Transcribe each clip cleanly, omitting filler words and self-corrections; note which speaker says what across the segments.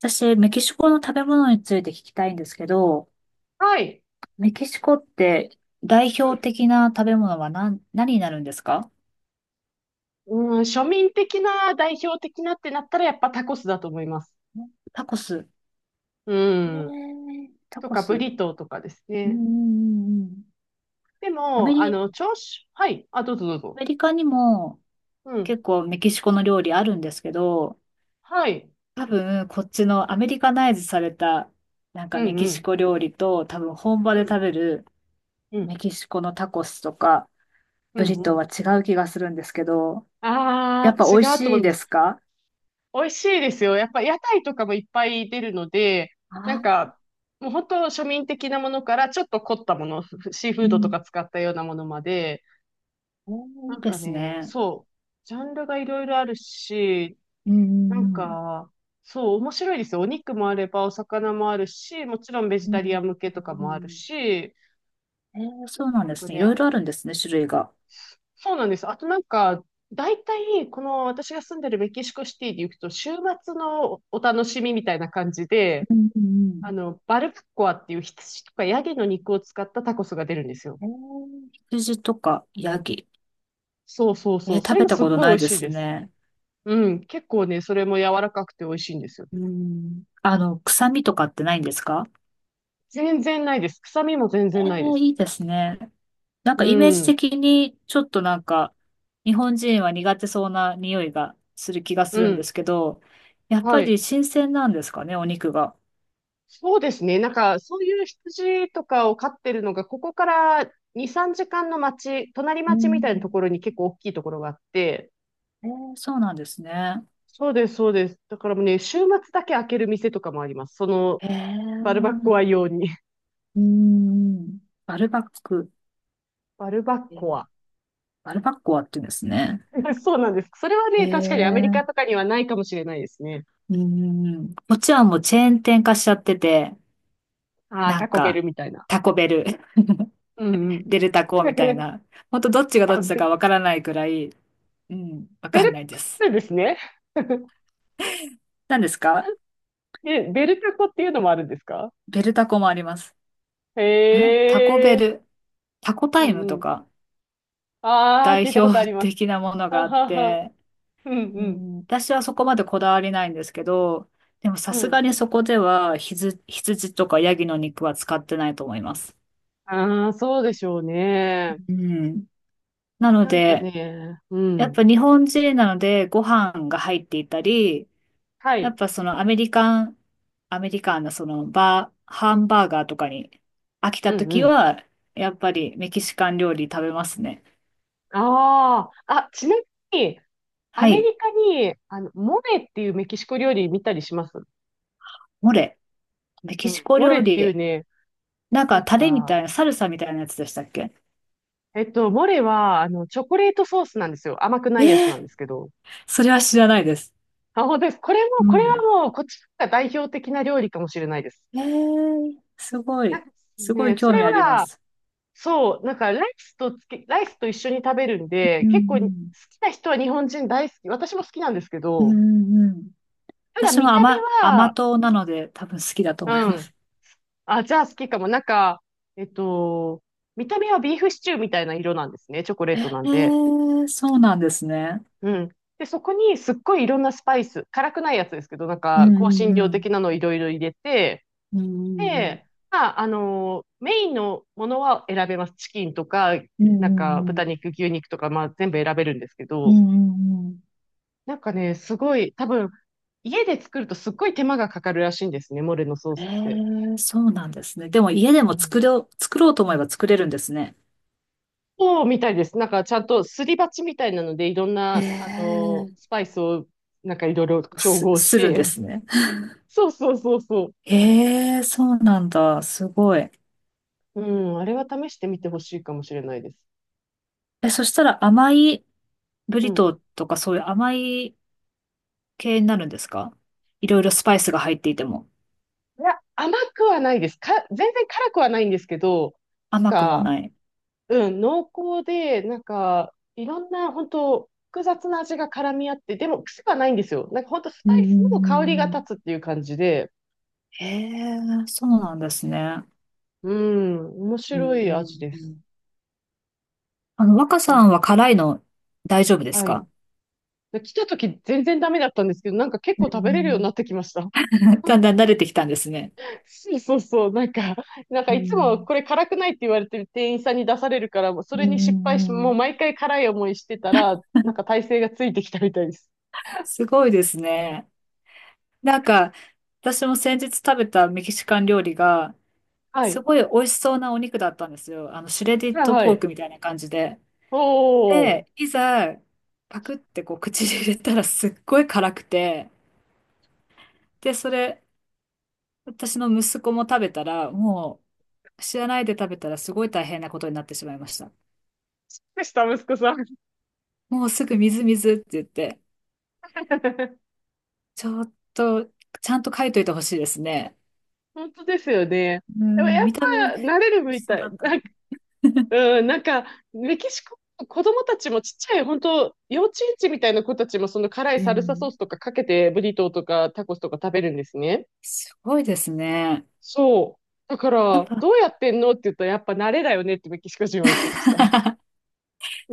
Speaker 1: 私、メキシコの食べ物について聞きたいんですけど、
Speaker 2: はい。
Speaker 1: メキシコって代表的な食べ物は何になるんですか？
Speaker 2: うん、うん、庶民的な、代表的なってなったら、やっぱタコスだと思います。
Speaker 1: タコス。
Speaker 2: うん。
Speaker 1: タ
Speaker 2: と
Speaker 1: コ
Speaker 2: か、ブ
Speaker 1: ス。
Speaker 2: リトーとかです
Speaker 1: うんうん
Speaker 2: ね。
Speaker 1: うんうん。
Speaker 2: でも、
Speaker 1: ア
Speaker 2: 朝食、はい。あ、どうぞどうぞ。
Speaker 1: メリカにも
Speaker 2: うん。
Speaker 1: 結構メキシコの料理あるんですけど、
Speaker 2: はい。
Speaker 1: 多分こっちのアメリカナイズされたなん
Speaker 2: う
Speaker 1: かメ
Speaker 2: ん
Speaker 1: キ
Speaker 2: う
Speaker 1: シ
Speaker 2: ん。
Speaker 1: コ料理と多分本場
Speaker 2: う
Speaker 1: で
Speaker 2: ん
Speaker 1: 食べる
Speaker 2: うん。
Speaker 1: メキシコのタコスとか
Speaker 2: う
Speaker 1: ブ
Speaker 2: ん
Speaker 1: リト
Speaker 2: うん。
Speaker 1: ーは違う気がするんですけど、や
Speaker 2: あ
Speaker 1: っぱ
Speaker 2: あ、違
Speaker 1: 美味
Speaker 2: うと
Speaker 1: し
Speaker 2: 思
Speaker 1: い
Speaker 2: いま
Speaker 1: です
Speaker 2: す。
Speaker 1: か？
Speaker 2: 美味しいですよ。やっぱ屋台とかもいっぱい出るので、なん
Speaker 1: あ、
Speaker 2: か、もう本当庶民的なものから、ちょっと凝ったもの、シーフ
Speaker 1: う
Speaker 2: ードと
Speaker 1: ん。
Speaker 2: か使ったようなものまで、
Speaker 1: おー、
Speaker 2: な
Speaker 1: いい
Speaker 2: ん
Speaker 1: で
Speaker 2: か
Speaker 1: す
Speaker 2: ね、
Speaker 1: ね。
Speaker 2: そう。ジャンルがいろいろあるし、
Speaker 1: う
Speaker 2: なん
Speaker 1: んうん
Speaker 2: か、そう、面白いですよ。お肉もあれば、お魚もあるし、もちろんベ
Speaker 1: う
Speaker 2: ジ
Speaker 1: ん、
Speaker 2: タ
Speaker 1: う
Speaker 2: リア
Speaker 1: ん
Speaker 2: ン向けとか
Speaker 1: う
Speaker 2: もある
Speaker 1: ん。
Speaker 2: し、
Speaker 1: えー、そうなん
Speaker 2: なん
Speaker 1: で
Speaker 2: か
Speaker 1: すね。いろ
Speaker 2: ね、
Speaker 1: いろあるんですね、種類が。
Speaker 2: そうなんです。あとなんか、大体、この私が住んでるメキシコシティに行くと、週末のお楽しみみたいな感じで、
Speaker 1: うんうん
Speaker 2: バルプッコアっていう羊とかヤギの肉を使ったタコスが出るんですよ。
Speaker 1: うん。えー、羊とかヤギ。
Speaker 2: そうそうそ
Speaker 1: え
Speaker 2: う。
Speaker 1: ー、
Speaker 2: そ
Speaker 1: 食
Speaker 2: れ
Speaker 1: べ
Speaker 2: も
Speaker 1: た
Speaker 2: すっ
Speaker 1: こと
Speaker 2: ごい
Speaker 1: な
Speaker 2: 美
Speaker 1: い
Speaker 2: 味
Speaker 1: で
Speaker 2: しい
Speaker 1: す
Speaker 2: です。
Speaker 1: ね。
Speaker 2: うん。結構ね、それも柔らかくて美味しいんですよ。
Speaker 1: うん。あの、臭みとかってないんですか？
Speaker 2: 全然ないです。臭みも全
Speaker 1: え
Speaker 2: 然ないで
Speaker 1: ー、
Speaker 2: す。
Speaker 1: いいですね。なん
Speaker 2: う
Speaker 1: かイメージ
Speaker 2: ん。
Speaker 1: 的に、ちょっとなんか、日本人は苦手そうな匂いがする気がす
Speaker 2: う
Speaker 1: るんで
Speaker 2: ん。
Speaker 1: すけど、やっぱ
Speaker 2: はい。
Speaker 1: り新鮮なんですかね、お肉が。
Speaker 2: そうですね。なんか、そういう羊とかを飼ってるのが、ここから2、3時間の町、隣
Speaker 1: う
Speaker 2: 町み
Speaker 1: ん。
Speaker 2: たいなところに結構大きいところがあって、
Speaker 1: えー、そうなんですね。
Speaker 2: そうです、そうです。だからもうね、週末だけ開ける店とかもあります。その、
Speaker 1: へ
Speaker 2: バルバッ
Speaker 1: え、
Speaker 2: コア用に。
Speaker 1: うん。バルバック。
Speaker 2: バルバッ
Speaker 1: えー、
Speaker 2: コア。
Speaker 1: バルバッコはって言うんですね。
Speaker 2: そうなんです。それは
Speaker 1: へ
Speaker 2: ね、確かにアメリカ
Speaker 1: え、
Speaker 2: とかにはないかもしれないですね。
Speaker 1: うん。こっちはもうチェーン店化しちゃってて、
Speaker 2: ああ、
Speaker 1: なん
Speaker 2: タコベ
Speaker 1: か、
Speaker 2: ルみたいな。
Speaker 1: タコベル、
Speaker 2: うんう
Speaker 1: デ
Speaker 2: ん。
Speaker 1: ルタコみたい な。ほんとどっちがどっ
Speaker 2: あ、
Speaker 1: ちだか
Speaker 2: ベ
Speaker 1: わからないくらい、うん、わ
Speaker 2: ベ
Speaker 1: かん
Speaker 2: ル
Speaker 1: ないです。
Speaker 2: トですね。
Speaker 1: 何ですか？
Speaker 2: え、ベルタコっていうのもあるんですか？
Speaker 1: ベルタコもあります。え、タコ
Speaker 2: へ
Speaker 1: ベ
Speaker 2: え、
Speaker 1: ル、タコ
Speaker 2: う
Speaker 1: タイム
Speaker 2: ん
Speaker 1: と
Speaker 2: うん。
Speaker 1: か
Speaker 2: ああ、
Speaker 1: 代
Speaker 2: 聞いたことあ
Speaker 1: 表
Speaker 2: ります。
Speaker 1: 的なものが
Speaker 2: は
Speaker 1: あっ
Speaker 2: はは。
Speaker 1: て、
Speaker 2: うん
Speaker 1: う
Speaker 2: うん。
Speaker 1: ん、私はそこまでこだわりないんですけど、でもさ
Speaker 2: う
Speaker 1: す
Speaker 2: ん。
Speaker 1: がにそこでは羊とかヤギの肉は使ってないと思います。
Speaker 2: ああ、そうでしょうね。
Speaker 1: うん。なの
Speaker 2: なんか
Speaker 1: で、
Speaker 2: ね、う
Speaker 1: やっ
Speaker 2: ん。
Speaker 1: ぱ日本人なのでご飯が入っていたり、
Speaker 2: は
Speaker 1: やっ
Speaker 2: い。
Speaker 1: ぱそのアメリカン、アメリカンなそのハンバーガーとかに飽きた
Speaker 2: うんう
Speaker 1: 時
Speaker 2: ん。
Speaker 1: は、やっぱりメキシカン料理食べますね。
Speaker 2: ああ、あ、ちなみに、ア
Speaker 1: は
Speaker 2: メ
Speaker 1: い。
Speaker 2: リカに、モレっていうメキシコ料理見たりします
Speaker 1: モレ。メ
Speaker 2: う
Speaker 1: キシ
Speaker 2: ん。
Speaker 1: コ
Speaker 2: モレ
Speaker 1: 料
Speaker 2: っていう
Speaker 1: 理。
Speaker 2: ね、
Speaker 1: なん
Speaker 2: な
Speaker 1: か
Speaker 2: ん
Speaker 1: タレみたい
Speaker 2: か、
Speaker 1: な、サルサみたいなやつでしたっけ？
Speaker 2: モレは、チョコレートソースなんですよ。甘く
Speaker 1: え
Speaker 2: ないやつなんで
Speaker 1: ー、
Speaker 2: すけど。
Speaker 1: それは知らないです。
Speaker 2: あ、本当です。これも、
Speaker 1: う
Speaker 2: これは
Speaker 1: ん。
Speaker 2: もう、こっちが代表的な料理かもしれないです。
Speaker 1: ええ、すご
Speaker 2: なん
Speaker 1: い、
Speaker 2: か
Speaker 1: すごい
Speaker 2: ね、そ
Speaker 1: 興
Speaker 2: れ
Speaker 1: 味ありま
Speaker 2: は、
Speaker 1: す。
Speaker 2: そう、なんかライスと一緒に食べるんで、
Speaker 1: う
Speaker 2: 結構好
Speaker 1: ん
Speaker 2: きな人は日本人大好き。私も好きなんですけ
Speaker 1: うん、う
Speaker 2: ど、
Speaker 1: んうん。
Speaker 2: ただ
Speaker 1: 私も
Speaker 2: 見た目
Speaker 1: 甘
Speaker 2: は、
Speaker 1: 党なので多分好きだと
Speaker 2: う
Speaker 1: 思いま
Speaker 2: ん。
Speaker 1: す。
Speaker 2: あ、じゃあ好きかも。なんか、えっと、見た目はビーフシチューみたいな色なんですね。チョコレー
Speaker 1: え
Speaker 2: トなんで。
Speaker 1: え、そうなんですね。
Speaker 2: うん。で、そこにすっごいいろんなスパイス、辛くないやつですけど、なん
Speaker 1: う
Speaker 2: か、香
Speaker 1: ん
Speaker 2: 辛
Speaker 1: う
Speaker 2: 料
Speaker 1: ん
Speaker 2: 的なのをいろいろ入れて、
Speaker 1: うん。
Speaker 2: で、まあ、メインのものは選べます。チキンとか、
Speaker 1: うんう
Speaker 2: なんか
Speaker 1: んう
Speaker 2: 豚
Speaker 1: ん。
Speaker 2: 肉、牛肉とか、まあ全部選べるんですけ
Speaker 1: う
Speaker 2: ど、
Speaker 1: んうんうん。
Speaker 2: なんかね、すごい、多分、家で作るとすっごい手間がかかるらしいんですね、モレのソー
Speaker 1: え
Speaker 2: スって。
Speaker 1: え、そうなんですね。でも家で
Speaker 2: う
Speaker 1: も
Speaker 2: ん、
Speaker 1: 作ろうと思えば作れるんですね。
Speaker 2: そうみたいです。なんかちゃんとすり鉢みたいなので、いろんな、
Speaker 1: ええ、
Speaker 2: スパイスを、なんかいろいろ調合し
Speaker 1: するんで
Speaker 2: て。
Speaker 1: すね。
Speaker 2: そうそうそうそう。
Speaker 1: ええ、そうなんだ。すごい。
Speaker 2: うん、あれは試してみてほしいかもしれないです。
Speaker 1: え、そしたら甘いブ
Speaker 2: う
Speaker 1: リ
Speaker 2: ん、
Speaker 1: トーとかそういう甘い系になるんですか？いろいろスパイスが入っていても。
Speaker 2: いや、甘くはないです。全然辛くはないんですけど、
Speaker 1: 甘くも
Speaker 2: が、
Speaker 1: ない。
Speaker 2: うん、濃厚で、なんか、いろんな、本当複雑な味が絡み合って、でも癖はないんですよ。なんか本当ス
Speaker 1: う
Speaker 2: パイスの香りが
Speaker 1: ん。
Speaker 2: 立つっていう感じで、
Speaker 1: へえ、そうなんですね。
Speaker 2: うん、面
Speaker 1: うんう
Speaker 2: 白い味
Speaker 1: ん
Speaker 2: で
Speaker 1: う
Speaker 2: す。
Speaker 1: ん。あの、若
Speaker 2: な
Speaker 1: さ
Speaker 2: ん
Speaker 1: ん
Speaker 2: か、
Speaker 1: は辛いの大丈夫です
Speaker 2: はい。
Speaker 1: か？
Speaker 2: で来た時全然ダメだったんですけど、なんか結
Speaker 1: う
Speaker 2: 構食べれるようにな
Speaker 1: ん。
Speaker 2: ってきました。
Speaker 1: だんだん慣れてきたんですね。
Speaker 2: そうそうそう、なんか、
Speaker 1: う
Speaker 2: いつも
Speaker 1: ん
Speaker 2: これ辛くないって言われてる店員さんに出されるから、もうそ
Speaker 1: うんう
Speaker 2: れに失敗し、
Speaker 1: んう
Speaker 2: もう
Speaker 1: ん。
Speaker 2: 毎回辛い思いしてたら、なんか体勢がついてきたみたいです。
Speaker 1: すごいですね。なんか、私も先日食べたメキシカン料理が、
Speaker 2: は
Speaker 1: す
Speaker 2: い。
Speaker 1: ごい美味しそうなお肉だったんですよ。あの、シュレディッ
Speaker 2: はい
Speaker 1: ド
Speaker 2: は
Speaker 1: ポー
Speaker 2: い。
Speaker 1: クみたいな感じで。
Speaker 2: おー。
Speaker 1: で、いざ、パクってこう口に入れたらすっごい辛くて、で、それ、私の息子も食べたら、もう、知らないで食べたらすごい大変なことになってしまいました。
Speaker 2: でした、息子さん。
Speaker 1: もうすぐ水水って言って、ちょっと、ちゃんと書いといてほしいですね。
Speaker 2: 本当ですよね。
Speaker 1: う
Speaker 2: でも
Speaker 1: ん、
Speaker 2: やっ
Speaker 1: 見た目、美
Speaker 2: ぱ慣れる
Speaker 1: 味し
Speaker 2: み
Speaker 1: そう
Speaker 2: た
Speaker 1: だ
Speaker 2: い。
Speaker 1: った
Speaker 2: な
Speaker 1: な。
Speaker 2: んか、うん、メキシコ、子供たちもちっちゃい、本当幼稚園児みたいな子たちもその辛い
Speaker 1: う
Speaker 2: サルサソ
Speaker 1: ん、
Speaker 2: ースとかかけてブリトーとかタコスとか食べるんですね。
Speaker 1: すごいですね。
Speaker 2: そう。だか
Speaker 1: やっ
Speaker 2: ら、ど
Speaker 1: ぱ、
Speaker 2: うやってんのって言ったら、やっぱ慣れだよねってメキシコ人は言ってました。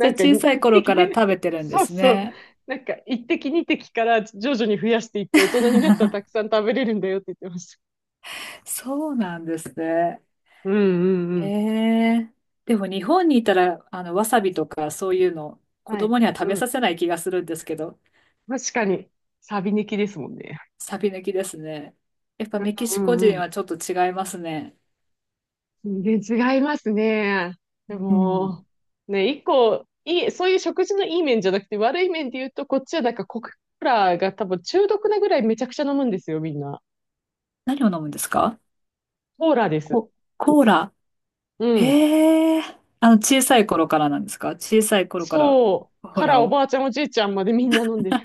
Speaker 1: じゃあ
Speaker 2: んか、
Speaker 1: 小
Speaker 2: 一
Speaker 1: さい頃
Speaker 2: 滴、
Speaker 1: から 食べてるんで
Speaker 2: そう
Speaker 1: す
Speaker 2: そう。
Speaker 1: ね。
Speaker 2: なんか、一滴二滴から徐々に増やしていって、大人になったらたく さん食べれるんだよって言ってました。
Speaker 1: そうなんですね。
Speaker 2: うんうんう
Speaker 1: へ
Speaker 2: ん。
Speaker 1: え。でも日本にいたら、あの、わさびとかそういうの、子
Speaker 2: はい。
Speaker 1: 供には食
Speaker 2: う
Speaker 1: べ
Speaker 2: ん。
Speaker 1: させない気がするんですけど、
Speaker 2: 確かに、サビ抜きですもんね。
Speaker 1: サビ抜きですね。やっぱメキ
Speaker 2: う
Speaker 1: シコ
Speaker 2: んう
Speaker 1: 人
Speaker 2: ん。
Speaker 1: はちょっと違いますね。
Speaker 2: 全然違いますね。で
Speaker 1: うん。
Speaker 2: も、ね、一個、いい、そういう食事のいい面じゃなくて、悪い面で言うと、こっちはなんかコクーラが多分中毒なぐらいめちゃくちゃ飲むんですよ、みんな。
Speaker 1: 何を飲むんですか？
Speaker 2: コーラです。
Speaker 1: コ、コーラ。
Speaker 2: うん。
Speaker 1: へえ。あの、小さい頃からなんですか？小さい頃から、
Speaker 2: そ
Speaker 1: コ
Speaker 2: う。
Speaker 1: ー
Speaker 2: から
Speaker 1: ラ
Speaker 2: お
Speaker 1: を。
Speaker 2: ばあちゃんおじいちゃんまでみんな飲んでる。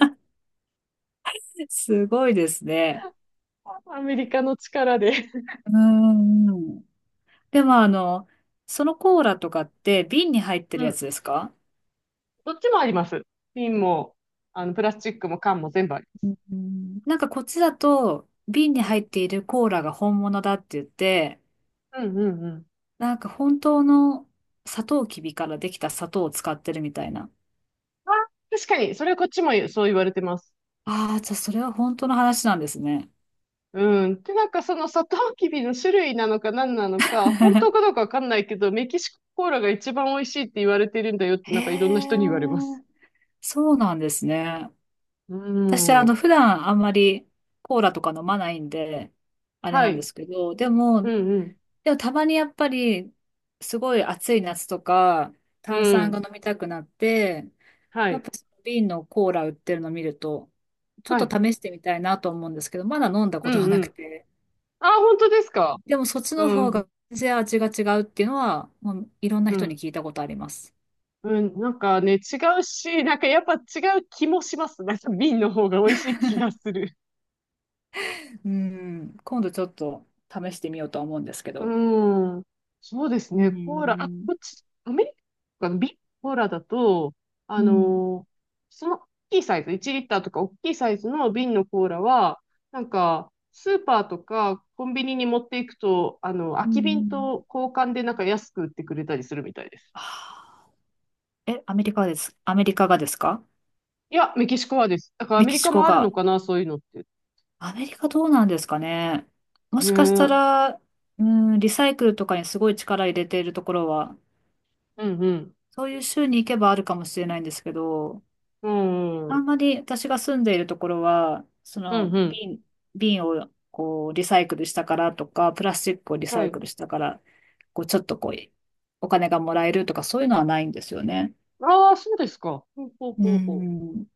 Speaker 1: すごいですね。
Speaker 2: アメリカの力で。
Speaker 1: うーん。でもあの、そのコーラとかって瓶に入ってる
Speaker 2: う
Speaker 1: や
Speaker 2: ん。
Speaker 1: つですか？
Speaker 2: どっちもあります。瓶も、プラスチックも缶も全部あり
Speaker 1: うん、なんかこっちだと、瓶に
Speaker 2: ま
Speaker 1: 入
Speaker 2: す。
Speaker 1: っているコーラが本物だって言って、
Speaker 2: うん。うんうんうん。
Speaker 1: なんか本当のサトウキビからできた砂糖を使ってるみたいな。
Speaker 2: あ、確かに、それこっちもそう言われてます。
Speaker 1: ああ、じゃあそれは本当の話なんですね。
Speaker 2: うん。で、なんかそのサトウキビの種類なのか何なのか、本当か どうかわかんないけど、メキシココーラが一番美味しいって言われてるんだよって、
Speaker 1: へ
Speaker 2: なんかいろんな
Speaker 1: え、
Speaker 2: 人に言われます。
Speaker 1: そうなんですね。
Speaker 2: う
Speaker 1: 私、あ
Speaker 2: ん。
Speaker 1: の、普段あんまりコーラとか飲まないんで、あれ
Speaker 2: は
Speaker 1: なんで
Speaker 2: い。
Speaker 1: すけど、でも、
Speaker 2: うん
Speaker 1: でもたまにやっぱり、すごい暑い夏とか、
Speaker 2: う
Speaker 1: 炭
Speaker 2: ん。う
Speaker 1: 酸が飲
Speaker 2: ん。
Speaker 1: みたくなって、
Speaker 2: は
Speaker 1: やっ
Speaker 2: い。
Speaker 1: ぱその瓶のコーラ売ってるの見ると、ちょっ
Speaker 2: は
Speaker 1: と
Speaker 2: い。
Speaker 1: 試してみたいなと思うんですけど、まだ飲んだ
Speaker 2: う
Speaker 1: こと
Speaker 2: ん
Speaker 1: はな
Speaker 2: う
Speaker 1: く
Speaker 2: ん。
Speaker 1: て。
Speaker 2: あ、本当ですか。
Speaker 1: でもそっちの
Speaker 2: う
Speaker 1: 方
Speaker 2: ん、
Speaker 1: が全然味が違うっていうのは、もういろんな
Speaker 2: う
Speaker 1: 人
Speaker 2: ん、
Speaker 1: に聞いたことあります。
Speaker 2: うん。なんかね、違うし、なんかやっぱ違う気もします。なんか瓶の方が美味しい気がする。
Speaker 1: うん、今度ちょっと試してみようとは思うんですけど。
Speaker 2: うん。そうです
Speaker 1: う
Speaker 2: ね、コーラ。あ、
Speaker 1: ん、
Speaker 2: こっち、アメリカの瓶コーラだと、あ
Speaker 1: うん、
Speaker 2: のーその大きいサイズ、1リッターとか大きいサイズの瓶のコーラは、なんか、スーパーとかコンビニに持っていくと、空
Speaker 1: う
Speaker 2: き瓶
Speaker 1: ん。
Speaker 2: と交換でなんか安く売ってくれたりするみたいです。
Speaker 1: あー、え、アメリカです。アメリカがですか？
Speaker 2: いや、メキシコはです。だからア
Speaker 1: メ
Speaker 2: メ
Speaker 1: キ
Speaker 2: リ
Speaker 1: シ
Speaker 2: カも
Speaker 1: コ
Speaker 2: あるの
Speaker 1: が。
Speaker 2: かな、そういうのって。
Speaker 1: アメリカどうなんですかね。も
Speaker 2: ね
Speaker 1: し
Speaker 2: え。
Speaker 1: かし
Speaker 2: う
Speaker 1: た
Speaker 2: ん
Speaker 1: ら、うん、リサイクルとかにすごい力入れているところは
Speaker 2: うん。
Speaker 1: そういう州に行けばあるかもしれないんですけど、
Speaker 2: うん。う
Speaker 1: あん
Speaker 2: ん
Speaker 1: まり私が住んでいるところは、そ
Speaker 2: う
Speaker 1: の
Speaker 2: ん。
Speaker 1: 瓶をこうリサイクルしたからとか、プラスチックをリサ
Speaker 2: は
Speaker 1: イ
Speaker 2: い。
Speaker 1: クルしたから、こうちょっとこうお金がもらえるとかそういうのはないんですよね。
Speaker 2: ああ、そうですか。ほうほう
Speaker 1: う
Speaker 2: ほうほう。
Speaker 1: ん。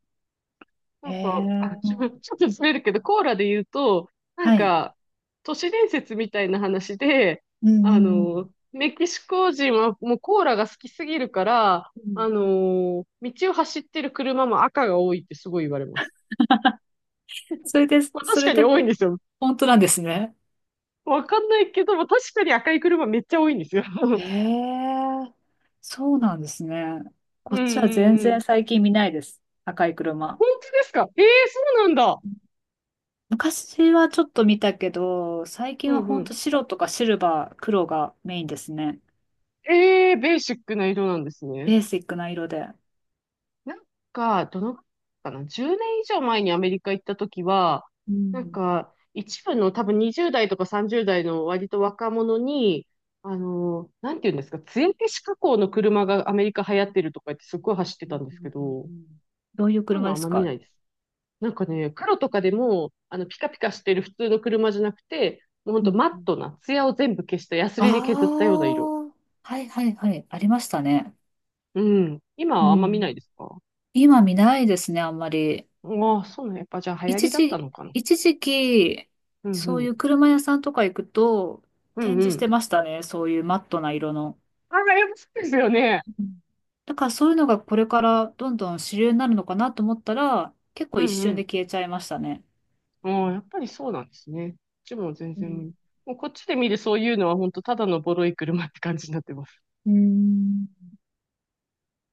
Speaker 2: な
Speaker 1: へ
Speaker 2: んか、あ、
Speaker 1: え。
Speaker 2: ちょっとずれるけど、コーラで言うと、なん
Speaker 1: はい。
Speaker 2: か、都市伝説みたいな話で、
Speaker 1: うんうんうん
Speaker 2: メキシコ人はもうコーラが好きすぎるから、
Speaker 1: うん。
Speaker 2: 道を走ってる車も赤が多いってすごい言われます。
Speaker 1: それで、
Speaker 2: まあ、
Speaker 1: そ
Speaker 2: 確
Speaker 1: れ
Speaker 2: かに
Speaker 1: で
Speaker 2: 多いんですよ。
Speaker 1: 本当なんですね。
Speaker 2: わかんないけども、確かに赤い車めっちゃ多いんですよ。
Speaker 1: へ え。そうなんですね。
Speaker 2: う
Speaker 1: こ
Speaker 2: ん
Speaker 1: っちは
Speaker 2: う
Speaker 1: 全
Speaker 2: んうん。
Speaker 1: 然最近見ないです。赤い車。
Speaker 2: 本当ですか？ええー、そうなんだ。
Speaker 1: 昔はちょっと見たけど、最近
Speaker 2: う
Speaker 1: は
Speaker 2: んう
Speaker 1: ほん
Speaker 2: ん。
Speaker 1: と白とかシルバー、黒がメインですね。
Speaker 2: ええー、ベーシックな色なんですね。
Speaker 1: ベーシックな色で。
Speaker 2: なんか、どの、かな？ 10 年以上前にアメリカ行った時は、
Speaker 1: う
Speaker 2: なん
Speaker 1: ん。
Speaker 2: か、一部の多分20代とか30代の割と若者に、なんていうんですか、艶消し加工の車がアメリカ流行ってるとか言ってすっごい走って
Speaker 1: う
Speaker 2: た
Speaker 1: ん
Speaker 2: んで
Speaker 1: う
Speaker 2: すけ
Speaker 1: ん
Speaker 2: ど、
Speaker 1: うん。どういう
Speaker 2: そういう
Speaker 1: 車
Speaker 2: のあ
Speaker 1: で
Speaker 2: ん
Speaker 1: す
Speaker 2: ま見
Speaker 1: か？
Speaker 2: ないです。なんかね、黒とかでも、ピカピカしてる普通の車じゃなくて、もうほん
Speaker 1: う
Speaker 2: と
Speaker 1: ん
Speaker 2: マッ
Speaker 1: うん。
Speaker 2: トな、ツヤを全部消した、ヤス
Speaker 1: あ
Speaker 2: リで削ったような色。
Speaker 1: あ、はいはいはい。ありましたね。
Speaker 2: うん。今
Speaker 1: う
Speaker 2: はあんま見ない
Speaker 1: ん。
Speaker 2: ですか？
Speaker 1: 今見ないですね、あんまり。
Speaker 2: ああ、そうね。やっぱじゃあ流行り
Speaker 1: 一
Speaker 2: だった
Speaker 1: 時、
Speaker 2: のかな。
Speaker 1: 一時期、
Speaker 2: うんう
Speaker 1: そういう
Speaker 2: ん。
Speaker 1: 車屋さんとか行くと、
Speaker 2: う
Speaker 1: 展
Speaker 2: んう
Speaker 1: 示し
Speaker 2: ん。
Speaker 1: てましたね。そういうマットな色の。
Speaker 2: ああ、やっぱそうですよね。
Speaker 1: うん。だからそういうのがこれからどんどん主流になるのかなと思ったら、結構
Speaker 2: う
Speaker 1: 一
Speaker 2: んう
Speaker 1: 瞬
Speaker 2: ん。
Speaker 1: で消えちゃいましたね。
Speaker 2: ああ、やっぱりそうなんですね。こっちも全
Speaker 1: う
Speaker 2: 然
Speaker 1: ん。
Speaker 2: 見、もうこっちで見るそういうのは本当ただのボロい車って感じになってます。
Speaker 1: うん